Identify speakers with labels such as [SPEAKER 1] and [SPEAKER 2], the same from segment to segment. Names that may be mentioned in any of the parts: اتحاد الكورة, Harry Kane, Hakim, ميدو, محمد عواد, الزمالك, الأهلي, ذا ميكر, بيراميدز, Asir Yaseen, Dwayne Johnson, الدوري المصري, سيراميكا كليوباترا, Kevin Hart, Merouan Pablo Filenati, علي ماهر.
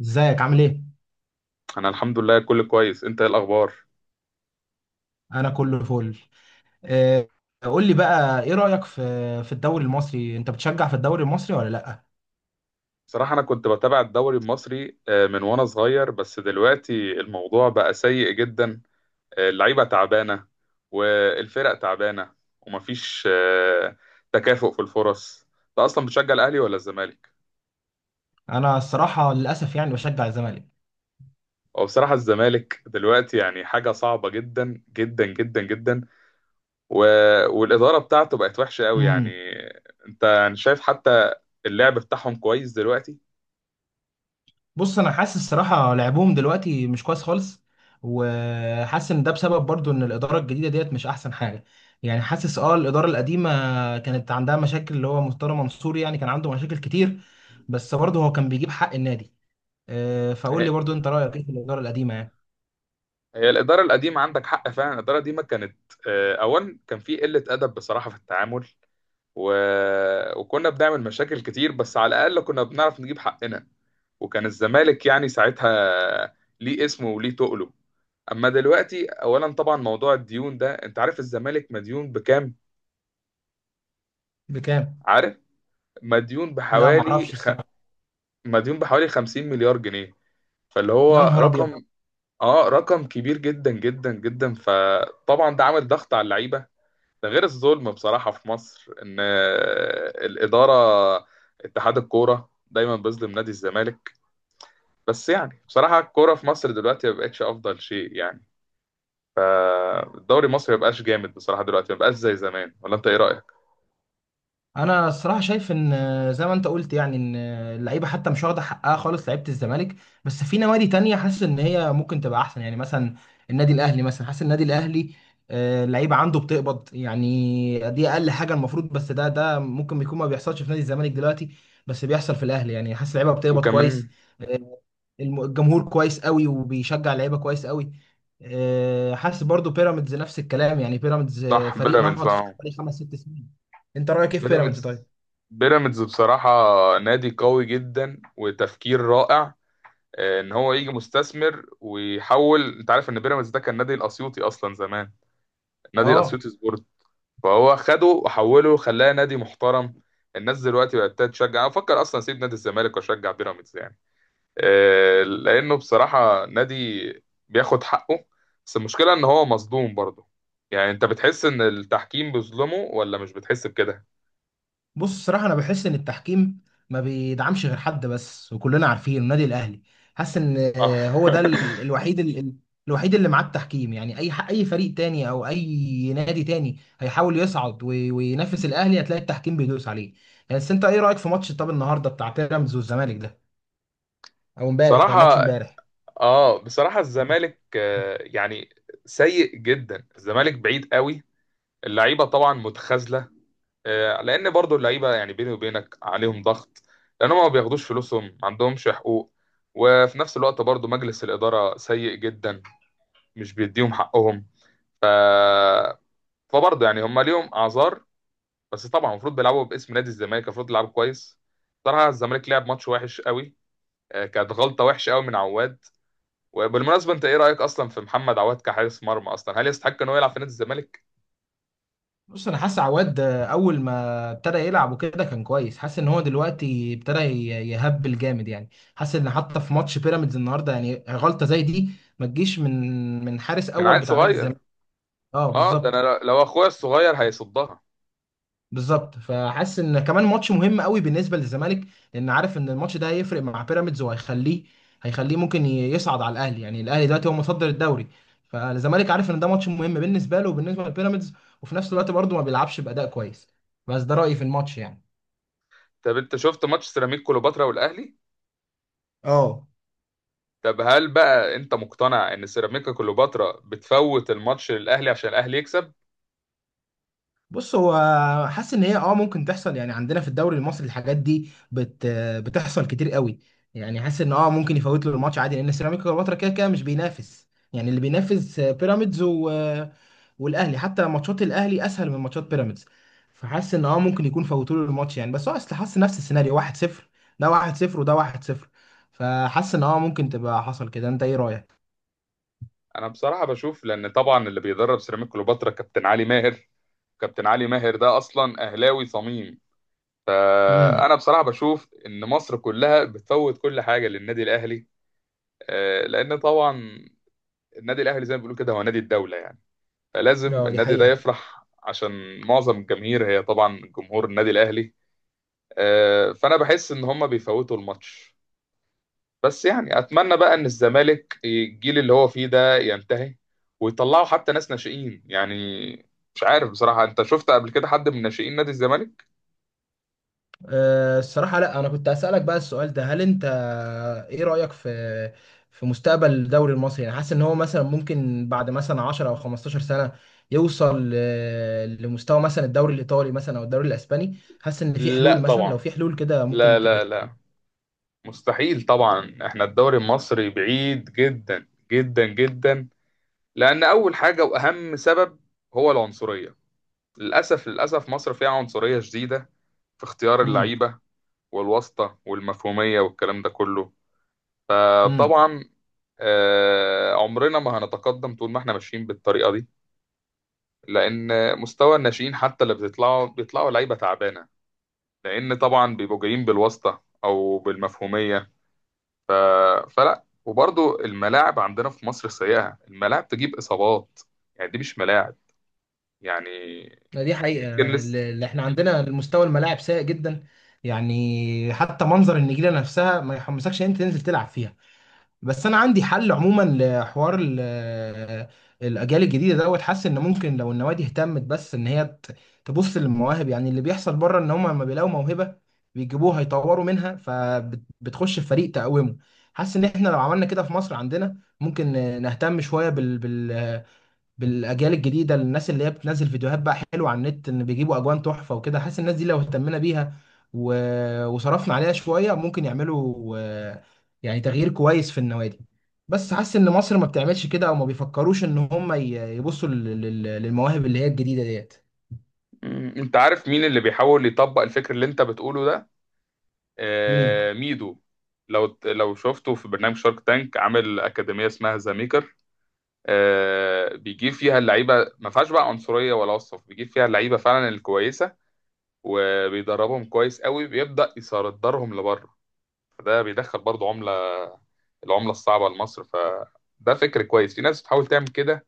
[SPEAKER 1] ازيك عامل ايه؟
[SPEAKER 2] انا الحمد لله كل كويس. انت ايه الاخبار؟
[SPEAKER 1] انا كله فل. آه، قول لي بقى ايه رأيك في الدوري المصري، انت بتشجع في الدوري المصري ولا لا؟
[SPEAKER 2] بصراحه انا كنت بتابع الدوري المصري من وانا صغير، بس دلوقتي الموضوع بقى سيء جدا. اللعيبه تعبانه والفرق تعبانه، ومفيش تكافؤ في الفرص. انت اصلا بتشجع الاهلي ولا الزمالك؟
[SPEAKER 1] انا الصراحة للاسف يعني بشجع الزمالك.
[SPEAKER 2] هو بصراحه الزمالك دلوقتي يعني حاجه صعبه جدا جدا جدا جدا، و... والاداره بتاعته بقت وحشه قوي يعني.
[SPEAKER 1] امم
[SPEAKER 2] انت يعني شايف حتى اللعب بتاعهم كويس دلوقتي؟
[SPEAKER 1] بص انا حاسس الصراحة لعبهم دلوقتي مش كويس خالص، وحاسس ان ده بسبب برضو ان الإدارة الجديدة ديت مش احسن حاجة. يعني حاسس اه الإدارة القديمة كانت عندها مشاكل، اللي هو مستر منصور يعني كان عنده مشاكل كتير، بس برضه هو كان بيجيب حق النادي. فقول لي برضو انت رأيك ايه في الإدارة القديمة يعني.
[SPEAKER 2] هي الإدارة القديمة، عندك حق فعلا. الإدارة القديمة كانت أولا كان في قلة أدب بصراحة في التعامل، و... وكنا بنعمل مشاكل كتير، بس على الأقل كنا بنعرف نجيب حقنا. وكان الزمالك يعني ساعتها ليه اسمه وليه تقله. أما دلوقتي أولا طبعا موضوع الديون ده، أنت عارف الزمالك مديون بكام؟
[SPEAKER 1] بكام؟
[SPEAKER 2] عارف؟ مديون
[SPEAKER 1] لا ما
[SPEAKER 2] بحوالي
[SPEAKER 1] اعرفش الصراحه.
[SPEAKER 2] مديون بحوالي 50 مليار جنيه. فاللي
[SPEAKER 1] يا
[SPEAKER 2] هو
[SPEAKER 1] نهار ابيض!
[SPEAKER 2] رقم، آه رقم كبير جدا جدا جدا. فطبعا ده عامل ضغط على اللعيبة. ده غير الظلم بصراحة في مصر، إن الإدارة، اتحاد الكورة دايما بيظلم نادي الزمالك. بس يعني بصراحة الكورة في مصر دلوقتي ما بقتش أفضل شيء يعني. الدوري المصري ما بقاش جامد بصراحة دلوقتي، ما بقاش زي زمان. ولا أنت إيه رأيك؟
[SPEAKER 1] انا الصراحه شايف ان زي ما انت قلت يعني ان اللعيبه حتى مش واخده حقها خالص، لعيبه الزمالك. بس في نوادي تانية حاسس ان هي ممكن تبقى احسن، يعني مثلا النادي الاهلي، مثلا حاسس النادي الاهلي اللعيبه عنده بتقبض. يعني دي اقل حاجه المفروض، بس ده ممكن بيكون ما بيحصلش في نادي الزمالك دلوقتي، بس بيحصل في الاهلي. يعني حاسس اللعيبه بتقبض كويس.
[SPEAKER 2] وكمان
[SPEAKER 1] آه، الجمهور كويس قوي وبيشجع اللعيبه كويس قوي. حاسس برضو بيراميدز نفس الكلام، يعني بيراميدز
[SPEAKER 2] صح،
[SPEAKER 1] فريق
[SPEAKER 2] بيراميدز
[SPEAKER 1] نهض في
[SPEAKER 2] أهو.
[SPEAKER 1] حوالي خمس ست سنين. انت رايك ايه في بيراميدز
[SPEAKER 2] بيراميدز،
[SPEAKER 1] طيب؟
[SPEAKER 2] بيراميدز بصراحة نادي قوي جدا وتفكير رائع. إن هو يجي مستثمر ويحول. أنت عارف إن بيراميدز ده كان نادي الأسيوطي أصلا زمان، نادي
[SPEAKER 1] اه.
[SPEAKER 2] الأسيوطي سبورت. فهو خده وحوله، خلاه نادي محترم. الناس دلوقتي بقت تشجع. افكر اصلا اسيب نادي الزمالك واشجع بيراميدز يعني، لانه بصراحه نادي بياخد حقه. بس المشكله ان هو مظلوم برضه. يعني انت بتحس ان التحكيم بيظلمه ولا مش بتحس بكده؟
[SPEAKER 1] بص الصراحه انا بحس ان التحكيم ما بيدعمش غير حد بس، وكلنا عارفين النادي الاهلي. حاسس ان
[SPEAKER 2] آه.
[SPEAKER 1] هو ده الوحيد، الوحيد اللي معاه التحكيم. يعني اي اي فريق تاني او اي نادي تاني هيحاول يصعد وينافس الاهلي، هتلاقي التحكيم بيدوس عليه يعني. بس انت ايه رايك في ماتش، طب، النهارده بتاع بيراميدز والزمالك ده، او امبارح، ده
[SPEAKER 2] بصراحه،
[SPEAKER 1] ماتش امبارح.
[SPEAKER 2] اه بصراحه الزمالك يعني سيء جدا. الزمالك بعيد قوي. اللعيبه طبعا متخاذله، لان برضو اللعيبه يعني بيني وبينك عليهم ضغط، لان هم ما بياخدوش فلوسهم، ما عندهمش حقوق. وفي نفس الوقت برضو مجلس الاداره سيء جدا، مش بيديهم حقهم. ف فبرضو يعني هم ليهم اعذار. بس طبعا المفروض بيلعبوا باسم نادي الزمالك، المفروض يلعبوا كويس. صراحه الزمالك لعب ماتش وحش قوي. كانت غلطه وحشه قوي من عواد. وبالمناسبه، انت ايه رايك اصلا في محمد عواد كحارس مرمى اصلا؟ هل يستحق ان هو يلعب في نادي الزمالك؟
[SPEAKER 1] بص انا حاسس عواد ده اول ما ابتدى يلعب وكده كان كويس، حاسس ان هو دلوقتي ابتدى يهبل جامد يعني. حاسس ان حتى في ماتش بيراميدز النهارده، يعني غلطه زي دي ما تجيش من حارس
[SPEAKER 2] من
[SPEAKER 1] اول
[SPEAKER 2] عيل
[SPEAKER 1] بتاع نادي
[SPEAKER 2] صغير.
[SPEAKER 1] الزمالك. اه
[SPEAKER 2] اه، ده
[SPEAKER 1] بالظبط.
[SPEAKER 2] انا لو اخويا الصغير هيصدها.
[SPEAKER 1] بالظبط، فحاسس ان كمان ماتش مهم قوي بالنسبه للزمالك، لان عارف ان الماتش ده هيفرق مع بيراميدز، هيخليه ممكن يصعد على الاهلي. يعني الاهلي دلوقتي هو متصدر الدوري، فالزمالك عارف ان ده ماتش مهم بالنسبه له وبالنسبه لبيراميدز، وفي نفس الوقت برضه ما بيلعبش باداء كويس. بس ده رايي في الماتش يعني.
[SPEAKER 2] طب انت شفت ماتش سيراميكا كليوباترا والاهلي؟
[SPEAKER 1] اه.
[SPEAKER 2] طب هل بقى انت مقتنع ان سيراميكا كليوباترا بتفوت الماتش للاهلي عشان الاهلي يكسب؟
[SPEAKER 1] بص هو حاسس ان هي اه ممكن تحصل، يعني عندنا في الدوري المصري الحاجات دي بتحصل كتير قوي. يعني حاسس ان اه ممكن يفوت له الماتش عادي، لان سيراميكا كليوباترا كده كده مش بينافس. يعني اللي بينافس بيراميدز والاهلي، حتى ماتشات الاهلي اسهل من ماتشات بيراميدز. فحاسس ان اه ممكن يكون فوتوا له الماتش يعني، بس هو اصل حاسس نفس السيناريو، 1-0 ده، 1-0 وده 1-0. فحاسس ان اه ممكن تبقى حصل كده. انت ايه رايك؟
[SPEAKER 2] انا بصراحه بشوف، لان طبعا اللي بيدرب سيراميكا كليوباترا كابتن علي ماهر. كابتن علي ماهر ده اصلا اهلاوي صميم.
[SPEAKER 1] امم
[SPEAKER 2] فانا بصراحه بشوف ان مصر كلها بتفوت كل حاجه للنادي الاهلي. لان طبعا النادي الاهلي زي ما بيقولوا كده هو نادي الدوله يعني. فلازم
[SPEAKER 1] اه دي
[SPEAKER 2] النادي ده
[SPEAKER 1] حقيقة.
[SPEAKER 2] يفرح عشان معظم الجماهير هي طبعا جمهور النادي الاهلي. فانا بحس ان هم بيفوتوا الماتش. بس يعني اتمنى بقى ان الزمالك الجيل اللي هو فيه ده ينتهي، ويطلعوا حتى ناس ناشئين يعني. مش عارف بصراحة، انت شفت قبل كده حد من ناشئين نادي الزمالك؟
[SPEAKER 1] أه، الصراحة لا، أنا كنت أسألك بقى السؤال ده، هل أنت إيه رأيك في مستقبل الدوري المصري؟ يعني حاسس إن هو مثلا ممكن بعد مثلا 10 أو 15 سنة يوصل لمستوى مثلا الدوري الإيطالي مثلا، أو الدوري الإسباني. حاسس إن في
[SPEAKER 2] لا
[SPEAKER 1] حلول؟ مثلا لو
[SPEAKER 2] طبعا.
[SPEAKER 1] في حلول كده
[SPEAKER 2] لا
[SPEAKER 1] ممكن
[SPEAKER 2] لا لا، مستحيل طبعا. احنا الدوري المصري بعيد جدا جدا جدا. لان اول حاجة واهم سبب هو العنصرية. للاسف للاسف مصر فيها عنصرية شديدة في اختيار
[SPEAKER 1] امم
[SPEAKER 2] اللعيبة، والواسطة والمفهومية والكلام ده كله.
[SPEAKER 1] امم
[SPEAKER 2] فطبعا عمرنا ما هنتقدم طول ما احنا ماشيين بالطريقه دي. لان مستوى الناشئين حتى اللي بيطلعوا، بيطلعوا لعيبه تعبانه، لان طبعا بيبقوا جايين بالواسطه او بالمفهوميه. ف... فلا، وبرضو الملاعب عندنا في مصر سيئه. الملاعب تجيب اصابات، يعني دي مش ملاعب يعني.
[SPEAKER 1] دي حقيقة،
[SPEAKER 2] ممكن
[SPEAKER 1] يعني
[SPEAKER 2] لسه.
[SPEAKER 1] اللي إحنا عندنا المستوى الملاعب سيء جدا. يعني حتى منظر النجيلة نفسها ما يحمسكش إن أنت تنزل تلعب فيها. بس انا عندي حل عموما لحوار الاجيال الجديده دوت. حاسس ان ممكن لو النوادي اهتمت، بس ان هي تبص للمواهب، يعني اللي بيحصل بره ان هم لما بيلاقوا موهبه بيجيبوها يطوروا منها، فبتخش في فريق تقومه. حاسس ان احنا لو عملنا كده في مصر عندنا، ممكن نهتم شويه بالاجيال الجديده. الناس اللي هي بتنزل فيديوهات بقى حلوه على النت، ان بيجيبوا اجوان تحفه وكده، حاسس الناس دي لو اهتمنا بيها و... وصرفنا عليها شويه ممكن يعملوا يعني تغيير كويس في النوادي. بس حاسس ان مصر ما بتعملش كده، او ما بيفكروش ان هم يبصوا للمواهب اللي هي الجديده ديت.
[SPEAKER 2] انت عارف مين اللي بيحاول يطبق الفكر اللي انت بتقوله ده؟
[SPEAKER 1] مين؟
[SPEAKER 2] ميدو. لو شفته في برنامج شارك تانك، عامل اكاديميه اسمها ذا ميكر. بيجيب فيها اللعيبه، ما فيهاش بقى عنصريه ولا وصف. بيجيب فيها اللعيبه فعلا الكويسه، وبيدربهم كويس قوي. بيبدا يصدرهم لبره، فده بيدخل برضو عمله، العمله الصعبه لمصر. فده فكر كويس، في ناس بتحاول تعمل كده.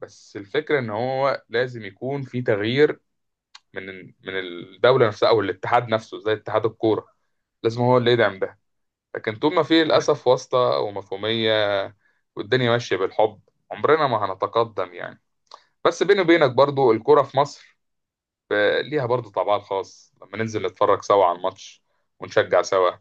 [SPEAKER 2] بس الفكره ان هو لازم يكون في تغيير من الدوله نفسها او الاتحاد نفسه زي اتحاد الكوره. لازم هو اللي يدعم ده. لكن طول ما في للاسف واسطه ومفهوميه، والدنيا ماشيه بالحب، عمرنا ما هنتقدم يعني. بس بيني وبينك برضو الكرة في مصر ليها برضو طابعها الخاص لما ننزل نتفرج سوا على الماتش، ونشجع سوا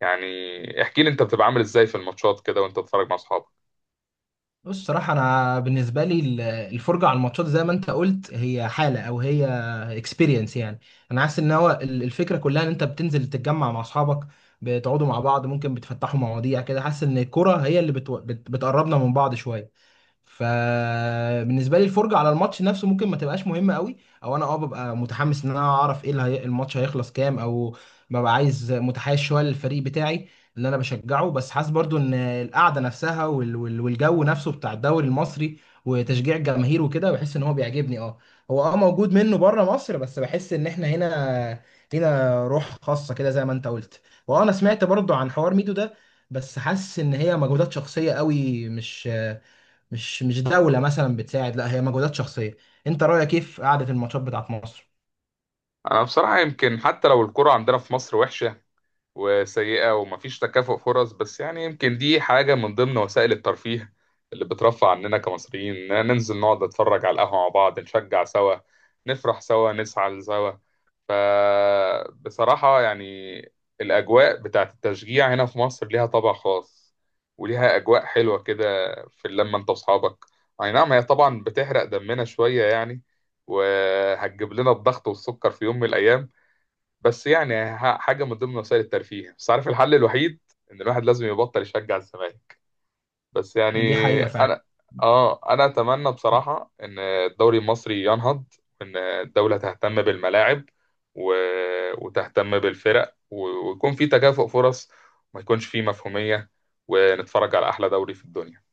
[SPEAKER 2] يعني. احكي لي انت بتبقى عامل ازاي في الماتشات كده وانت بتتفرج مع اصحابك؟
[SPEAKER 1] بص صراحة أنا بالنسبة لي الفرجة على الماتشات زي ما أنت قلت هي حالة، أو هي اكسبيرينس يعني. أنا حاسس إن هو الفكرة كلها إن أنت بتنزل تتجمع مع أصحابك، بتقعدوا مع بعض، ممكن بتفتحوا مواضيع كده. حاسس إن الكرة هي اللي بتقربنا من بعض شوية. فبالنسبه لي الفرجه على الماتش نفسه ممكن ما تبقاش مهمه قوي، او انا اه ببقى متحمس ان انا اعرف ايه الماتش هيخلص كام، او ببقى عايز متحيز شويه للفريق بتاعي اللي انا بشجعه. بس حاسس برضو ان القعده نفسها والجو نفسه بتاع الدوري المصري وتشجيع الجماهير وكده، بحس ان هو بيعجبني. اه هو اه موجود منه بره مصر، بس بحس ان احنا هنا لينا روح خاصه كده زي ما انت قلت. وانا سمعت برضو عن حوار ميدو ده، بس حاسس ان هي مجهودات شخصيه قوي، مش مش دولة مثلا بتساعد، لا هي مجهودات شخصية. انت رأيك كيف قعدة الماتشات بتاعت مصر؟
[SPEAKER 2] انا بصراحة يمكن حتى لو الكرة عندنا في مصر وحشة وسيئة ومفيش تكافؤ فرص، بس يعني يمكن دي حاجة من ضمن وسائل الترفيه اللي بترفع عننا كمصريين، إننا ننزل نقعد نتفرج على القهوة مع بعض، نشجع سوا، نفرح سوا، نزعل سوا. فبصراحة يعني الأجواء بتاعت التشجيع هنا في مصر ليها طابع خاص، وليها أجواء حلوة كده في اللمة أنت وأصحابك. أي نعم، هي طبعا بتحرق دمنا شوية يعني، وهتجيب لنا الضغط والسكر في يوم من الأيام، بس يعني حاجة من ضمن وسائل الترفيه. بس عارف الحل الوحيد؟ إن الواحد لازم يبطل يشجع الزمالك. بس يعني
[SPEAKER 1] دي حقيقة
[SPEAKER 2] انا،
[SPEAKER 1] فعلا.
[SPEAKER 2] اه انا اتمنى بصراحه ان الدوري المصري ينهض، وان الدوله تهتم بالملاعب، و... وتهتم بالفرق، ويكون في تكافؤ فرص، وما يكونش في مفهوميه، ونتفرج على احلى دوري في الدنيا.